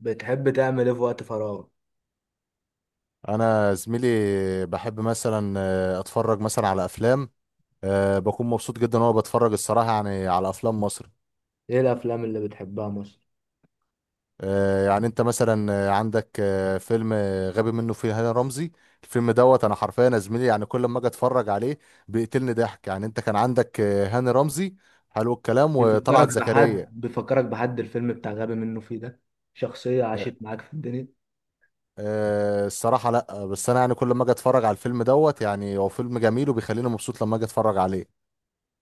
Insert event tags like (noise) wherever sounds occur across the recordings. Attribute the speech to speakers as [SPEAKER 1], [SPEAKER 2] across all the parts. [SPEAKER 1] بتحب تعمل ايه في وقت فراغ؟
[SPEAKER 2] انا زميلي بحب مثلا اتفرج مثلا على افلام. بكون مبسوط جدا وانا بتفرج الصراحه يعني على افلام مصر.
[SPEAKER 1] ايه الافلام اللي بتحبها مثلا؟
[SPEAKER 2] يعني انت مثلا عندك فيلم غبي منه فيه هاني رمزي. الفيلم دوت انا حرفيا يا زميلي، يعني كل ما اجي اتفرج عليه بيقتلني ضحك. يعني انت كان عندك هاني رمزي حلو الكلام
[SPEAKER 1] بيفكرك
[SPEAKER 2] وطلعت زكريا.
[SPEAKER 1] بحد بيفكرك بحد الفيلم بتاع غبي منه فيه ده. شخصية
[SPEAKER 2] آه،
[SPEAKER 1] عاشت معاك في الدنيا؟
[SPEAKER 2] الصراحه لا، بس انا يعني كل ما اجي اتفرج على الفيلم دوت يعني هو فيلم جميل وبيخليني مبسوط لما اجي اتفرج عليه.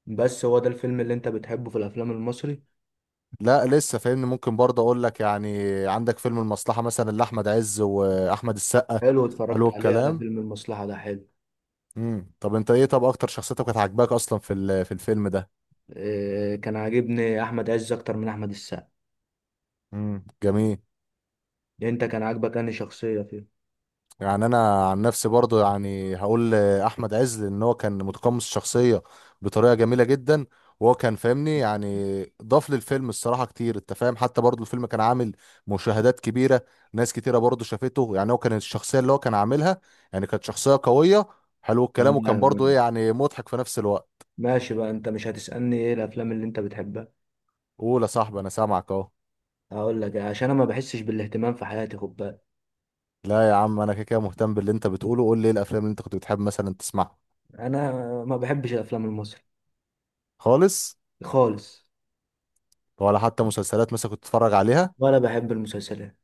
[SPEAKER 1] بس هو ده الفيلم اللي انت بتحبه في الافلام المصري؟
[SPEAKER 2] لا لسه فاهمني، ممكن برضه اقول لك يعني عندك فيلم المصلحة مثلا لأحمد عز وأحمد السقا.
[SPEAKER 1] حلو، اتفرجت
[SPEAKER 2] حلو
[SPEAKER 1] عليه انا،
[SPEAKER 2] الكلام.
[SPEAKER 1] فيلم المصلحة ده حلو.
[SPEAKER 2] طب انت ايه، طب اكتر شخصيتك كانت عاجباك اصلا في الفيلم ده؟
[SPEAKER 1] إيه، كان عاجبني احمد عز اكتر من احمد السقا.
[SPEAKER 2] جميل.
[SPEAKER 1] انت كان عاجبك انهي شخصية فيه؟
[SPEAKER 2] يعني انا عن نفسي برضو يعني هقول احمد عز، ان هو كان متقمص الشخصيه بطريقه جميله جدا. وهو كان فاهمني يعني، ضاف للفيلم الصراحه كتير انت فاهم. حتى برضو الفيلم كان عامل مشاهدات كبيره. ناس كتيره برضو شافته، يعني هو كان الشخصيه اللي هو كان عاملها يعني كانت شخصيه قويه. حلو الكلام. وكان برضو ايه
[SPEAKER 1] تمام.
[SPEAKER 2] يعني مضحك في نفس الوقت.
[SPEAKER 1] ماشي بقى، انت مش هتسألني ايه الافلام اللي انت بتحبها؟
[SPEAKER 2] قول يا صاحبي، انا سامعك اهو.
[SPEAKER 1] هقول لك عشان انا ما بحسش بالاهتمام في حياتي، خد بالك.
[SPEAKER 2] لا يا عم، انا كده كده مهتم باللي انت بتقوله. قول لي ايه الافلام اللي انت كنت بتحب مثلا تسمعها.
[SPEAKER 1] انا ما بحبش الافلام المصري.
[SPEAKER 2] خالص.
[SPEAKER 1] خالص.
[SPEAKER 2] ولا حتى مسلسلات مثلا كنت تتفرج عليها؟
[SPEAKER 1] وأنا بحب المسلسلات.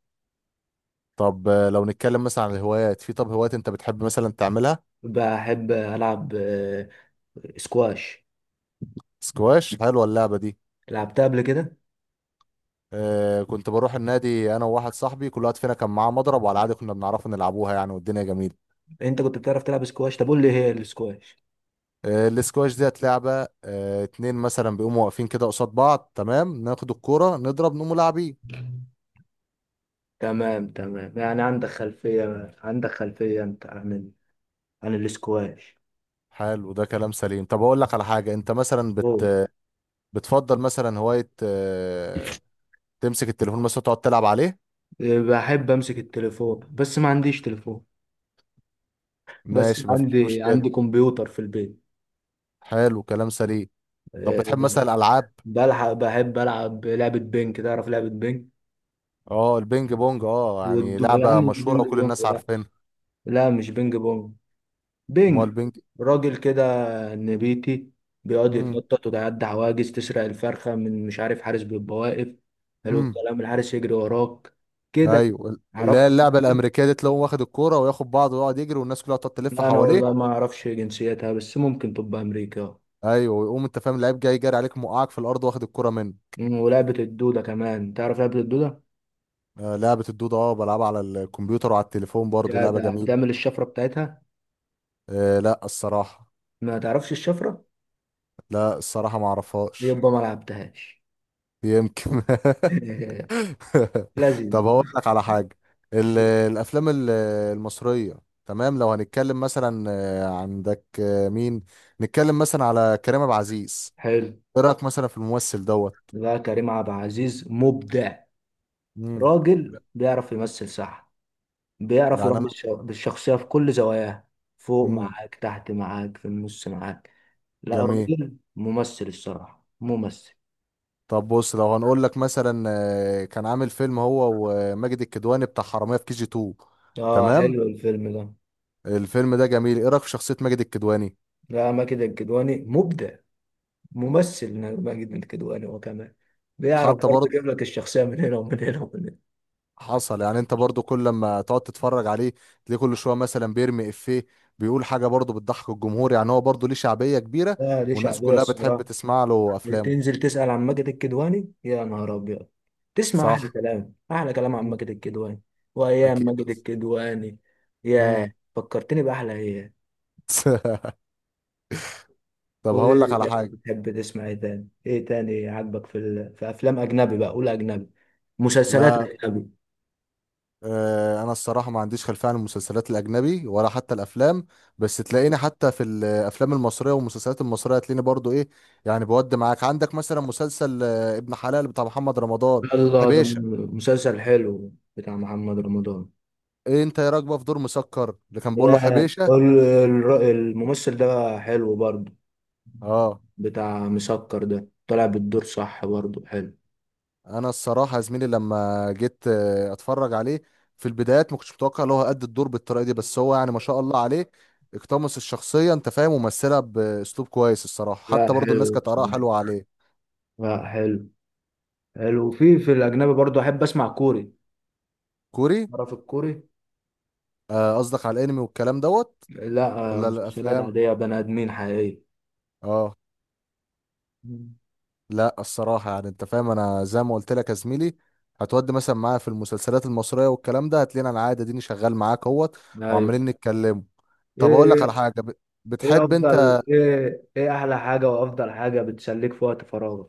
[SPEAKER 2] طب لو نتكلم مثلا عن الهوايات، في طب هوايات انت بتحب مثلا تعملها؟
[SPEAKER 1] بحب ألعب سكواش.
[SPEAKER 2] سكواش، حلوه اللعبه دي.
[SPEAKER 1] لعبتها قبل كده.
[SPEAKER 2] آه، كنت بروح النادي انا وواحد صاحبي، كل واحد فينا كان معاه مضرب وعلى العادي كنا بنعرف نلعبوها يعني، والدنيا جميله.
[SPEAKER 1] أنت كنت بتعرف تلعب سكواش؟ طب قول لي هي السكواش.
[SPEAKER 2] آه، السكواش ديت لعبه اتنين مثلا بيقوموا واقفين كده قصاد بعض، تمام، ناخد الكوره نضرب نقوم لاعبين.
[SPEAKER 1] تمام تمام، يعني عندك خلفية أنت عن عن السكواش.
[SPEAKER 2] حلو ده كلام سليم. طب اقول لك على حاجه، انت مثلا
[SPEAKER 1] أوه.
[SPEAKER 2] بتفضل مثلا هوايه تمسك التليفون مثلا تقعد تلعب عليه؟
[SPEAKER 1] بحب أمسك التليفون بس ما عنديش تليفون. بس
[SPEAKER 2] ماشي، مفيش
[SPEAKER 1] عندي
[SPEAKER 2] مشكله.
[SPEAKER 1] عندي كمبيوتر في البيت.
[SPEAKER 2] حلو كلام سليم. طب
[SPEAKER 1] أه.
[SPEAKER 2] بتحب مثلا الالعاب؟
[SPEAKER 1] بلحق بحب ألعب لعبة بينج. تعرف لعبة بينج؟
[SPEAKER 2] اه البينج بونج، يعني
[SPEAKER 1] يا عم
[SPEAKER 2] لعبة
[SPEAKER 1] مش
[SPEAKER 2] مشهورة
[SPEAKER 1] بينج
[SPEAKER 2] وكل
[SPEAKER 1] بونج،
[SPEAKER 2] الناس
[SPEAKER 1] لا.
[SPEAKER 2] عارفينها.
[SPEAKER 1] لا، مش بينج بونج.
[SPEAKER 2] ما هو
[SPEAKER 1] بينج.
[SPEAKER 2] البينج.
[SPEAKER 1] راجل كده. نبيتي. بيقعد
[SPEAKER 2] امم.
[SPEAKER 1] يتنطط ويعدي عواجز تسرق الفرخة من مش عارف، حارس بيبقى واقف. حلو
[SPEAKER 2] امم.
[SPEAKER 1] الكلام. الحارس يجري وراك كده.
[SPEAKER 2] ايوه، اللي
[SPEAKER 1] عرفت؟
[SPEAKER 2] هي اللعبة الأمريكية دي تلاقوه واخد الكورة وياخد بعضه ويقعد يجري والناس كلها تقعد تلف
[SPEAKER 1] لا انا والله
[SPEAKER 2] حواليه.
[SPEAKER 1] ما اعرفش جنسيتها، بس ممكن تبقى امريكا.
[SPEAKER 2] ايوه، ويقوم انت فاهم اللعيب جاي جاري عليك موقعك في الأرض واخد الكورة منه.
[SPEAKER 1] ولعبة الدودة كمان، تعرف لعبة الدودة؟
[SPEAKER 2] آه، لعبة الدودة، اه بلعبها على الكمبيوتر وعلى التليفون برضه،
[SPEAKER 1] يا
[SPEAKER 2] لعبة
[SPEAKER 1] ده
[SPEAKER 2] جميلة.
[SPEAKER 1] بتعمل الشفرة بتاعتها؟
[SPEAKER 2] آه لا الصراحة.
[SPEAKER 1] ما تعرفش الشفرة؟
[SPEAKER 2] لا الصراحة ما اعرفهاش.
[SPEAKER 1] يبقى ما لعبتهاش.
[SPEAKER 2] يمكن. (laughs)
[SPEAKER 1] (laughs)
[SPEAKER 2] (laughs) طب
[SPEAKER 1] لذيذ.
[SPEAKER 2] هقول لك على حاجة، ال- الأفلام المصرية. تمام، لو هنتكلم مثلا عندك مين نتكلم مثلا على كريم عبد العزيز.
[SPEAKER 1] حلو.
[SPEAKER 2] إيه رأيك مثلا في الممثل دوت؟
[SPEAKER 1] لا، كريم عبد العزيز مبدع.
[SPEAKER 2] مم.
[SPEAKER 1] راجل بيعرف يمثل صح. بيعرف
[SPEAKER 2] يعني
[SPEAKER 1] يربي
[SPEAKER 2] أنا.
[SPEAKER 1] الشخصية في كل زواياها. فوق
[SPEAKER 2] مم.
[SPEAKER 1] معاك، تحت معاك، في النص معاك. لا،
[SPEAKER 2] جميل.
[SPEAKER 1] راجل ممثل الصراحة، ممثل.
[SPEAKER 2] طب بص، لو هنقول لك مثلا كان عامل فيلم هو وماجد الكدواني بتاع حرامية في كي جي 2.
[SPEAKER 1] اه
[SPEAKER 2] تمام.
[SPEAKER 1] حلو الفيلم ده.
[SPEAKER 2] الفيلم ده جميل، إيه رأيك في شخصية ماجد الكدواني؟
[SPEAKER 1] لا، ماجد الكدواني مبدع. ممثل. ماجد الكدواني هو كمان بيعرف
[SPEAKER 2] حتى
[SPEAKER 1] برضه
[SPEAKER 2] برضه
[SPEAKER 1] يجيب لك الشخصية من هنا ومن هنا ومن
[SPEAKER 2] حصل. يعني انت برضو كل لما تقعد تتفرج عليه تلاقيه كل شويه مثلا بيرمي افيه، بيقول حاجه برضو بتضحك الجمهور، يعني هو برضو ليه شعبيه كبيره.
[SPEAKER 1] هنا. اه دي
[SPEAKER 2] والناس
[SPEAKER 1] شعبية
[SPEAKER 2] كلها بتحب
[SPEAKER 1] الصراحة.
[SPEAKER 2] تسمع له افلامه.
[SPEAKER 1] تنزل تسأل عن ماجد الكدواني، يا نهار أبيض. تسمع أحلى
[SPEAKER 2] صح.
[SPEAKER 1] كلام، أحلى كلام عن
[SPEAKER 2] مم.
[SPEAKER 1] ماجد الكدواني. وأيام
[SPEAKER 2] اكيد.
[SPEAKER 1] ماجد الكدواني.
[SPEAKER 2] امم.
[SPEAKER 1] ياه، فكرتني بأحلى أيام.
[SPEAKER 2] (laughs) طب هقول لك
[SPEAKER 1] وايه؟
[SPEAKER 2] على حاجه.
[SPEAKER 1] بتحب تسمع ايه تاني؟ ايه تاني عاجبك في في افلام اجنبي بقى، قول اجنبي. مسلسلات
[SPEAKER 2] لا،
[SPEAKER 1] اجنبي.
[SPEAKER 2] انا الصراحه ما عنديش خلفيه عن المسلسلات الاجنبي ولا حتى الافلام. بس تلاقيني حتى في الافلام المصريه والمسلسلات المصريه تلاقيني برضو ايه، يعني بود معاك. عندك مثلا مسلسل ابن حلال بتاع محمد رمضان.
[SPEAKER 1] يلا ده
[SPEAKER 2] حبيش.
[SPEAKER 1] مسلسل حلو بتاع محمد رمضان.
[SPEAKER 2] إيه انت يا راكبه في دور مسكر اللي كان بيقول له
[SPEAKER 1] يا
[SPEAKER 2] حبيشه.
[SPEAKER 1] الممثل ده حلو برضه.
[SPEAKER 2] اه.
[SPEAKER 1] بتاع مسكر ده طلع بالدور صح برضه، حلو.
[SPEAKER 2] انا الصراحه يا زميلي لما جيت اتفرج عليه في البدايات، ما كنتش متوقع ان هو قد الدور بالطريقه دي. بس هو يعني ما شاء الله عليه، اقتمص الشخصيه انت فاهم ومثلها باسلوب كويس الصراحه.
[SPEAKER 1] لا
[SPEAKER 2] حتى برضو الناس
[SPEAKER 1] حلو
[SPEAKER 2] كانت اراءها
[SPEAKER 1] بصراحة.
[SPEAKER 2] حلوه عليه.
[SPEAKER 1] لا حلو. حلو. في الاجنبي برضه احب اسمع كوري.
[SPEAKER 2] كوري؟
[SPEAKER 1] تعرف الكوري؟
[SPEAKER 2] قصدك على الانمي والكلام دوت؟
[SPEAKER 1] لا،
[SPEAKER 2] ولا
[SPEAKER 1] مسلسلات
[SPEAKER 2] الافلام؟
[SPEAKER 1] عادية بني ادمين حقيقية.
[SPEAKER 2] اه.
[SPEAKER 1] مم.
[SPEAKER 2] لا، الصراحة يعني انت فاهم، انا زي ما قلت لك يا زميلي هتودي مثلا معايا في المسلسلات المصرية والكلام ده هتلاقينا انا قاعد اديني شغال معاك اهوت.
[SPEAKER 1] ايوه.
[SPEAKER 2] وعمالين نتكلم.
[SPEAKER 1] ايه
[SPEAKER 2] طب اقول لك على
[SPEAKER 1] إيه
[SPEAKER 2] حاجة،
[SPEAKER 1] ايه
[SPEAKER 2] بتحب انت
[SPEAKER 1] افضل، ايه احلى حاجه وافضل حاجه بتسليك في وقت فراغك؟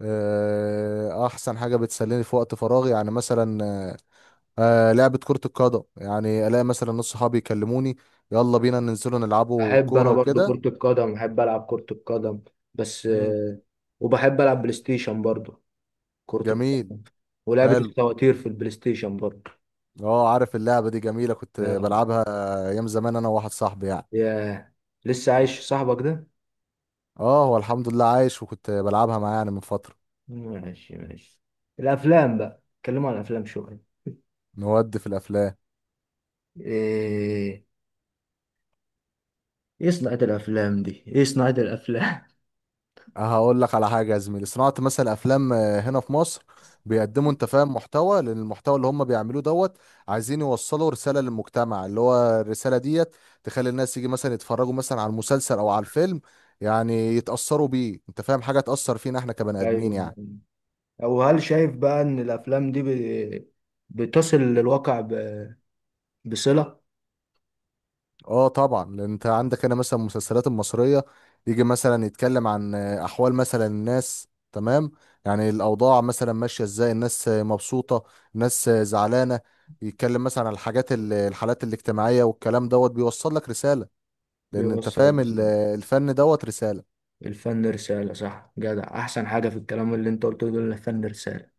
[SPEAKER 2] احسن حاجة بتسليني في وقت فراغي يعني مثلا لعبة كرة القدم. يعني الاقي مثلا نص صحابي يكلموني، يلا بينا ننزلوا نلعبوا
[SPEAKER 1] بحب
[SPEAKER 2] كورة
[SPEAKER 1] انا برضو
[SPEAKER 2] وكده.
[SPEAKER 1] كرة القدم، بحب العب كرة القدم. بس
[SPEAKER 2] مم.
[SPEAKER 1] آه، وبحب العب بلاي ستيشن برضو. كرة
[SPEAKER 2] جميل.
[SPEAKER 1] القدم. ولعبة
[SPEAKER 2] حلو.
[SPEAKER 1] الفواتير في البلاي ستيشن برضو.
[SPEAKER 2] اه، عارف اللعبة دي جميلة كنت
[SPEAKER 1] نعم.
[SPEAKER 2] بلعبها ايام زمان انا وواحد صاحبي يعني.
[SPEAKER 1] يا، لسه عايش صاحبك ده؟
[SPEAKER 2] اه، هو الحمد لله عايش، وكنت بلعبها معاه يعني من فترة.
[SPEAKER 1] ماشي ماشي. الافلام بقى، اتكلموا عن الافلام شوية.
[SPEAKER 2] نود في الافلام.
[SPEAKER 1] ايه؟ ايه صناعة الافلام دي، ايه صناعة الافلام؟
[SPEAKER 2] هقول لك على حاجة يا زميلي، صناعة مثلا افلام هنا في مصر بيقدموا انت فاهم محتوى، لان المحتوى اللي هم بيعملوه دوت عايزين يوصلوا رسالة للمجتمع، اللي هو الرسالة ديت تخلي الناس يجي مثلا يتفرجوا مثلا على المسلسل او على الفيلم، يعني يتأثروا بيه انت فاهم، حاجة تأثر فينا احنا
[SPEAKER 1] (laughs)
[SPEAKER 2] كبني ادمين
[SPEAKER 1] ايوه.
[SPEAKER 2] يعني.
[SPEAKER 1] او هل شايف بقى ان الافلام دي بتصل للواقع بصلة؟
[SPEAKER 2] اه طبعا، لان انت عندك هنا مثلا المسلسلات المصريه يجي مثلا يتكلم عن احوال مثلا الناس. تمام، يعني الاوضاع مثلا ماشيه ازاي، الناس مبسوطه، الناس زعلانه. يتكلم مثلا عن الحاجات الحالات الاجتماعيه والكلام دوت بيوصل لك رساله. لان انت
[SPEAKER 1] بيوصل
[SPEAKER 2] فاهم
[SPEAKER 1] بصلة.
[SPEAKER 2] الفن دوت رساله.
[SPEAKER 1] الفن رسالة صح، جدع، احسن حاجة في الكلام اللي انت قلته ده إن الفن رسالة.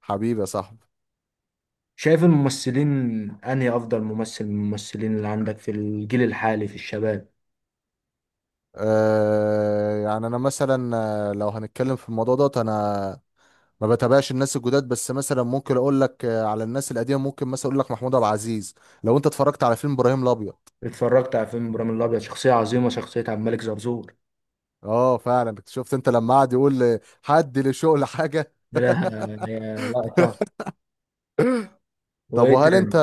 [SPEAKER 2] حبيبي يا صاحبي.
[SPEAKER 1] شايف الممثلين، انهي افضل ممثل من الممثلين اللي عندك في الجيل الحالي في الشباب؟
[SPEAKER 2] يعني انا مثلا لو هنتكلم في الموضوع دوت، انا ما بتابعش الناس الجداد. بس مثلا ممكن اقول لك على الناس القديمه، ممكن مثلا اقول لك محمود عبد العزيز. لو انت اتفرجت على فيلم ابراهيم الابيض.
[SPEAKER 1] اتفرجت على فيلم ابراهيم الابيض، شخصية عظيمة، شخصية عبد الملك زرزور.
[SPEAKER 2] اه فعلا، شفت انت لما قعد يقول حد لشغل حاجه.
[SPEAKER 1] لا. يا لقطة.
[SPEAKER 2] طب
[SPEAKER 1] وايه
[SPEAKER 2] وهل
[SPEAKER 1] تاني؟
[SPEAKER 2] انت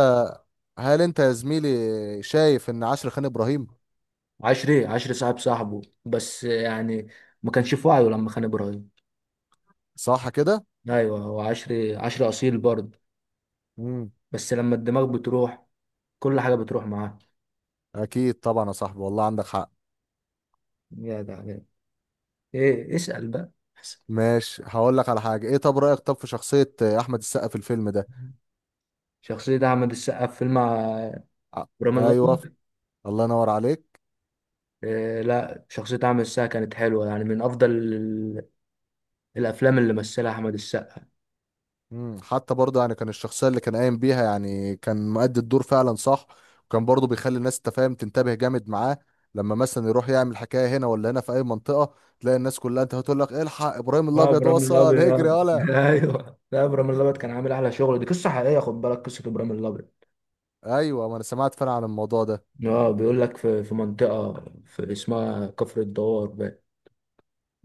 [SPEAKER 2] هل انت يا زميلي شايف ان عشر خان ابراهيم؟
[SPEAKER 1] عشري عشري صاحب صاحبه، بس يعني ما كانش في وعيه لما خان ابراهيم.
[SPEAKER 2] صح كده.
[SPEAKER 1] ايوه، هو عشري عشري اصيل برضه.
[SPEAKER 2] امم.
[SPEAKER 1] بس لما الدماغ بتروح كل حاجه بتروح معاه.
[SPEAKER 2] اكيد طبعا يا صاحبي، والله عندك حق.
[SPEAKER 1] يا ده عليك. ايه، اسال بقى. اسأل.
[SPEAKER 2] ماشي، هقول لك على حاجه، ايه طب رايك في شخصيه احمد السقا في الفيلم ده؟
[SPEAKER 1] شخصيه احمد السقا في فيلم
[SPEAKER 2] ع-
[SPEAKER 1] ابراهيم
[SPEAKER 2] ايوه.
[SPEAKER 1] الابيض.
[SPEAKER 2] الله ينور عليك.
[SPEAKER 1] إيه لا، شخصيه احمد السقا كانت حلوه، يعني من افضل الافلام اللي مثلها احمد السقا.
[SPEAKER 2] مم. حتى برضه يعني كان الشخصية اللي كان قايم بيها، يعني كان مؤدي الدور فعلا صح. وكان برضه بيخلي الناس تفهم، تنتبه جامد معاه، لما مثلا يروح يعمل حكاية هنا ولا هنا في أي منطقة، تلاقي الناس كلها أنت هتقول لك إيه، الحق إبراهيم
[SPEAKER 1] اه
[SPEAKER 2] الأبيض
[SPEAKER 1] ابراهيم
[SPEAKER 2] وصل (laughs) اجري
[SPEAKER 1] الابيض. (laughs)
[SPEAKER 2] يالا.
[SPEAKER 1] ايوه لا، ابراهيم الابيض كان عامل احلى شغل، دي قصه حقيقيه، خد بالك، قصه ابراهيم الابيض.
[SPEAKER 2] أيوه ما أنا سمعت فعلا عن الموضوع ده.
[SPEAKER 1] اه بيقول لك في منطقه في اسمها كفر الدوار.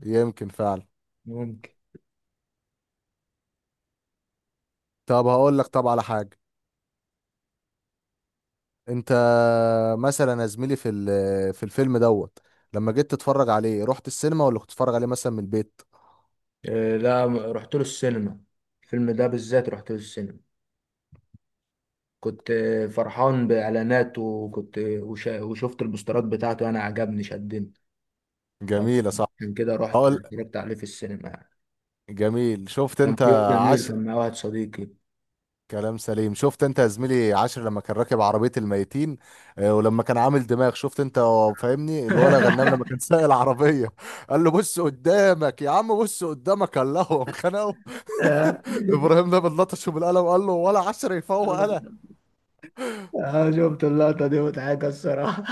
[SPEAKER 2] يمكن فعلا.
[SPEAKER 1] بقى.
[SPEAKER 2] طب هقول لك على حاجة، أنت مثلا يا زميلي في الفيلم دوت لما جيت تتفرج عليه رحت السينما ولا كنت تتفرج عليه مثلا من البيت؟
[SPEAKER 1] لا رحت له السينما. الفيلم ده بالذات رحت له السينما. كنت فرحان بإعلاناته، وكنت وشفت البوسترات بتاعته، أنا عجبني شدني.
[SPEAKER 2] جميلة صح.
[SPEAKER 1] عشان كده رحت
[SPEAKER 2] هقول.
[SPEAKER 1] اتفرجت عليه في السينما يعني.
[SPEAKER 2] جميل، شفت
[SPEAKER 1] كان
[SPEAKER 2] انت.
[SPEAKER 1] في يوم جميل
[SPEAKER 2] عاش.
[SPEAKER 1] كان مع واحد صديقي.
[SPEAKER 2] كلام سليم. شفت انت يا زميلي عاشر لما كان راكب عربية الميتين، اه، ولما كان عامل دماغ شفت انت، هو فاهمني الولا غنام لما كان
[SPEAKER 1] (laughs)
[SPEAKER 2] سايق العربية، قال له بص قدامك يا عم، بص قدامك، قال له هو خنقه.
[SPEAKER 1] آه،
[SPEAKER 2] ابراهيم ده بنلطشه بالقلم، قال له ولا عشر يفوق انا.
[SPEAKER 1] شفت اللقطة دي مضحكة الصراحة.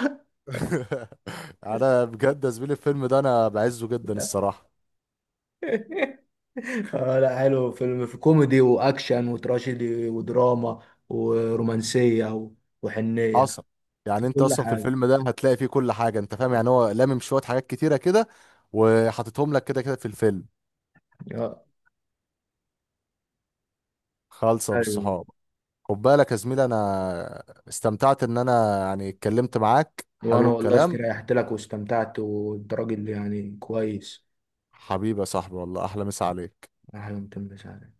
[SPEAKER 2] (laughs) انا بجد يا زميلي الفيلم ده انا بعزه جدا
[SPEAKER 1] (laughs)
[SPEAKER 2] الصراحة.
[SPEAKER 1] اه لا حلو فيلم، في كوميدي واكشن وتراجيدي ودراما ورومانسيه وحنيه.
[SPEAKER 2] حصل. يعني
[SPEAKER 1] في
[SPEAKER 2] انت
[SPEAKER 1] كل
[SPEAKER 2] اصلا في
[SPEAKER 1] حاجه.
[SPEAKER 2] الفيلم ده هتلاقي فيه كل حاجة، انت فاهم يعني هو لامم شوية حاجات كتيرة كده، وحاططهم لك كده كده في الفيلم.
[SPEAKER 1] آه.
[SPEAKER 2] خالصة
[SPEAKER 1] ايوه.
[SPEAKER 2] بالصحاب. خد بالك يا زميلي، انا استمتعت ان انا يعني اتكلمت معاك.
[SPEAKER 1] وانا
[SPEAKER 2] حلو
[SPEAKER 1] والله
[SPEAKER 2] الكلام.
[SPEAKER 1] استريحت لك واستمتعت، وانت راجل يعني كويس.
[SPEAKER 2] حبيبي يا صاحبي، والله احلى مسا عليك.
[SPEAKER 1] احلى من تمام.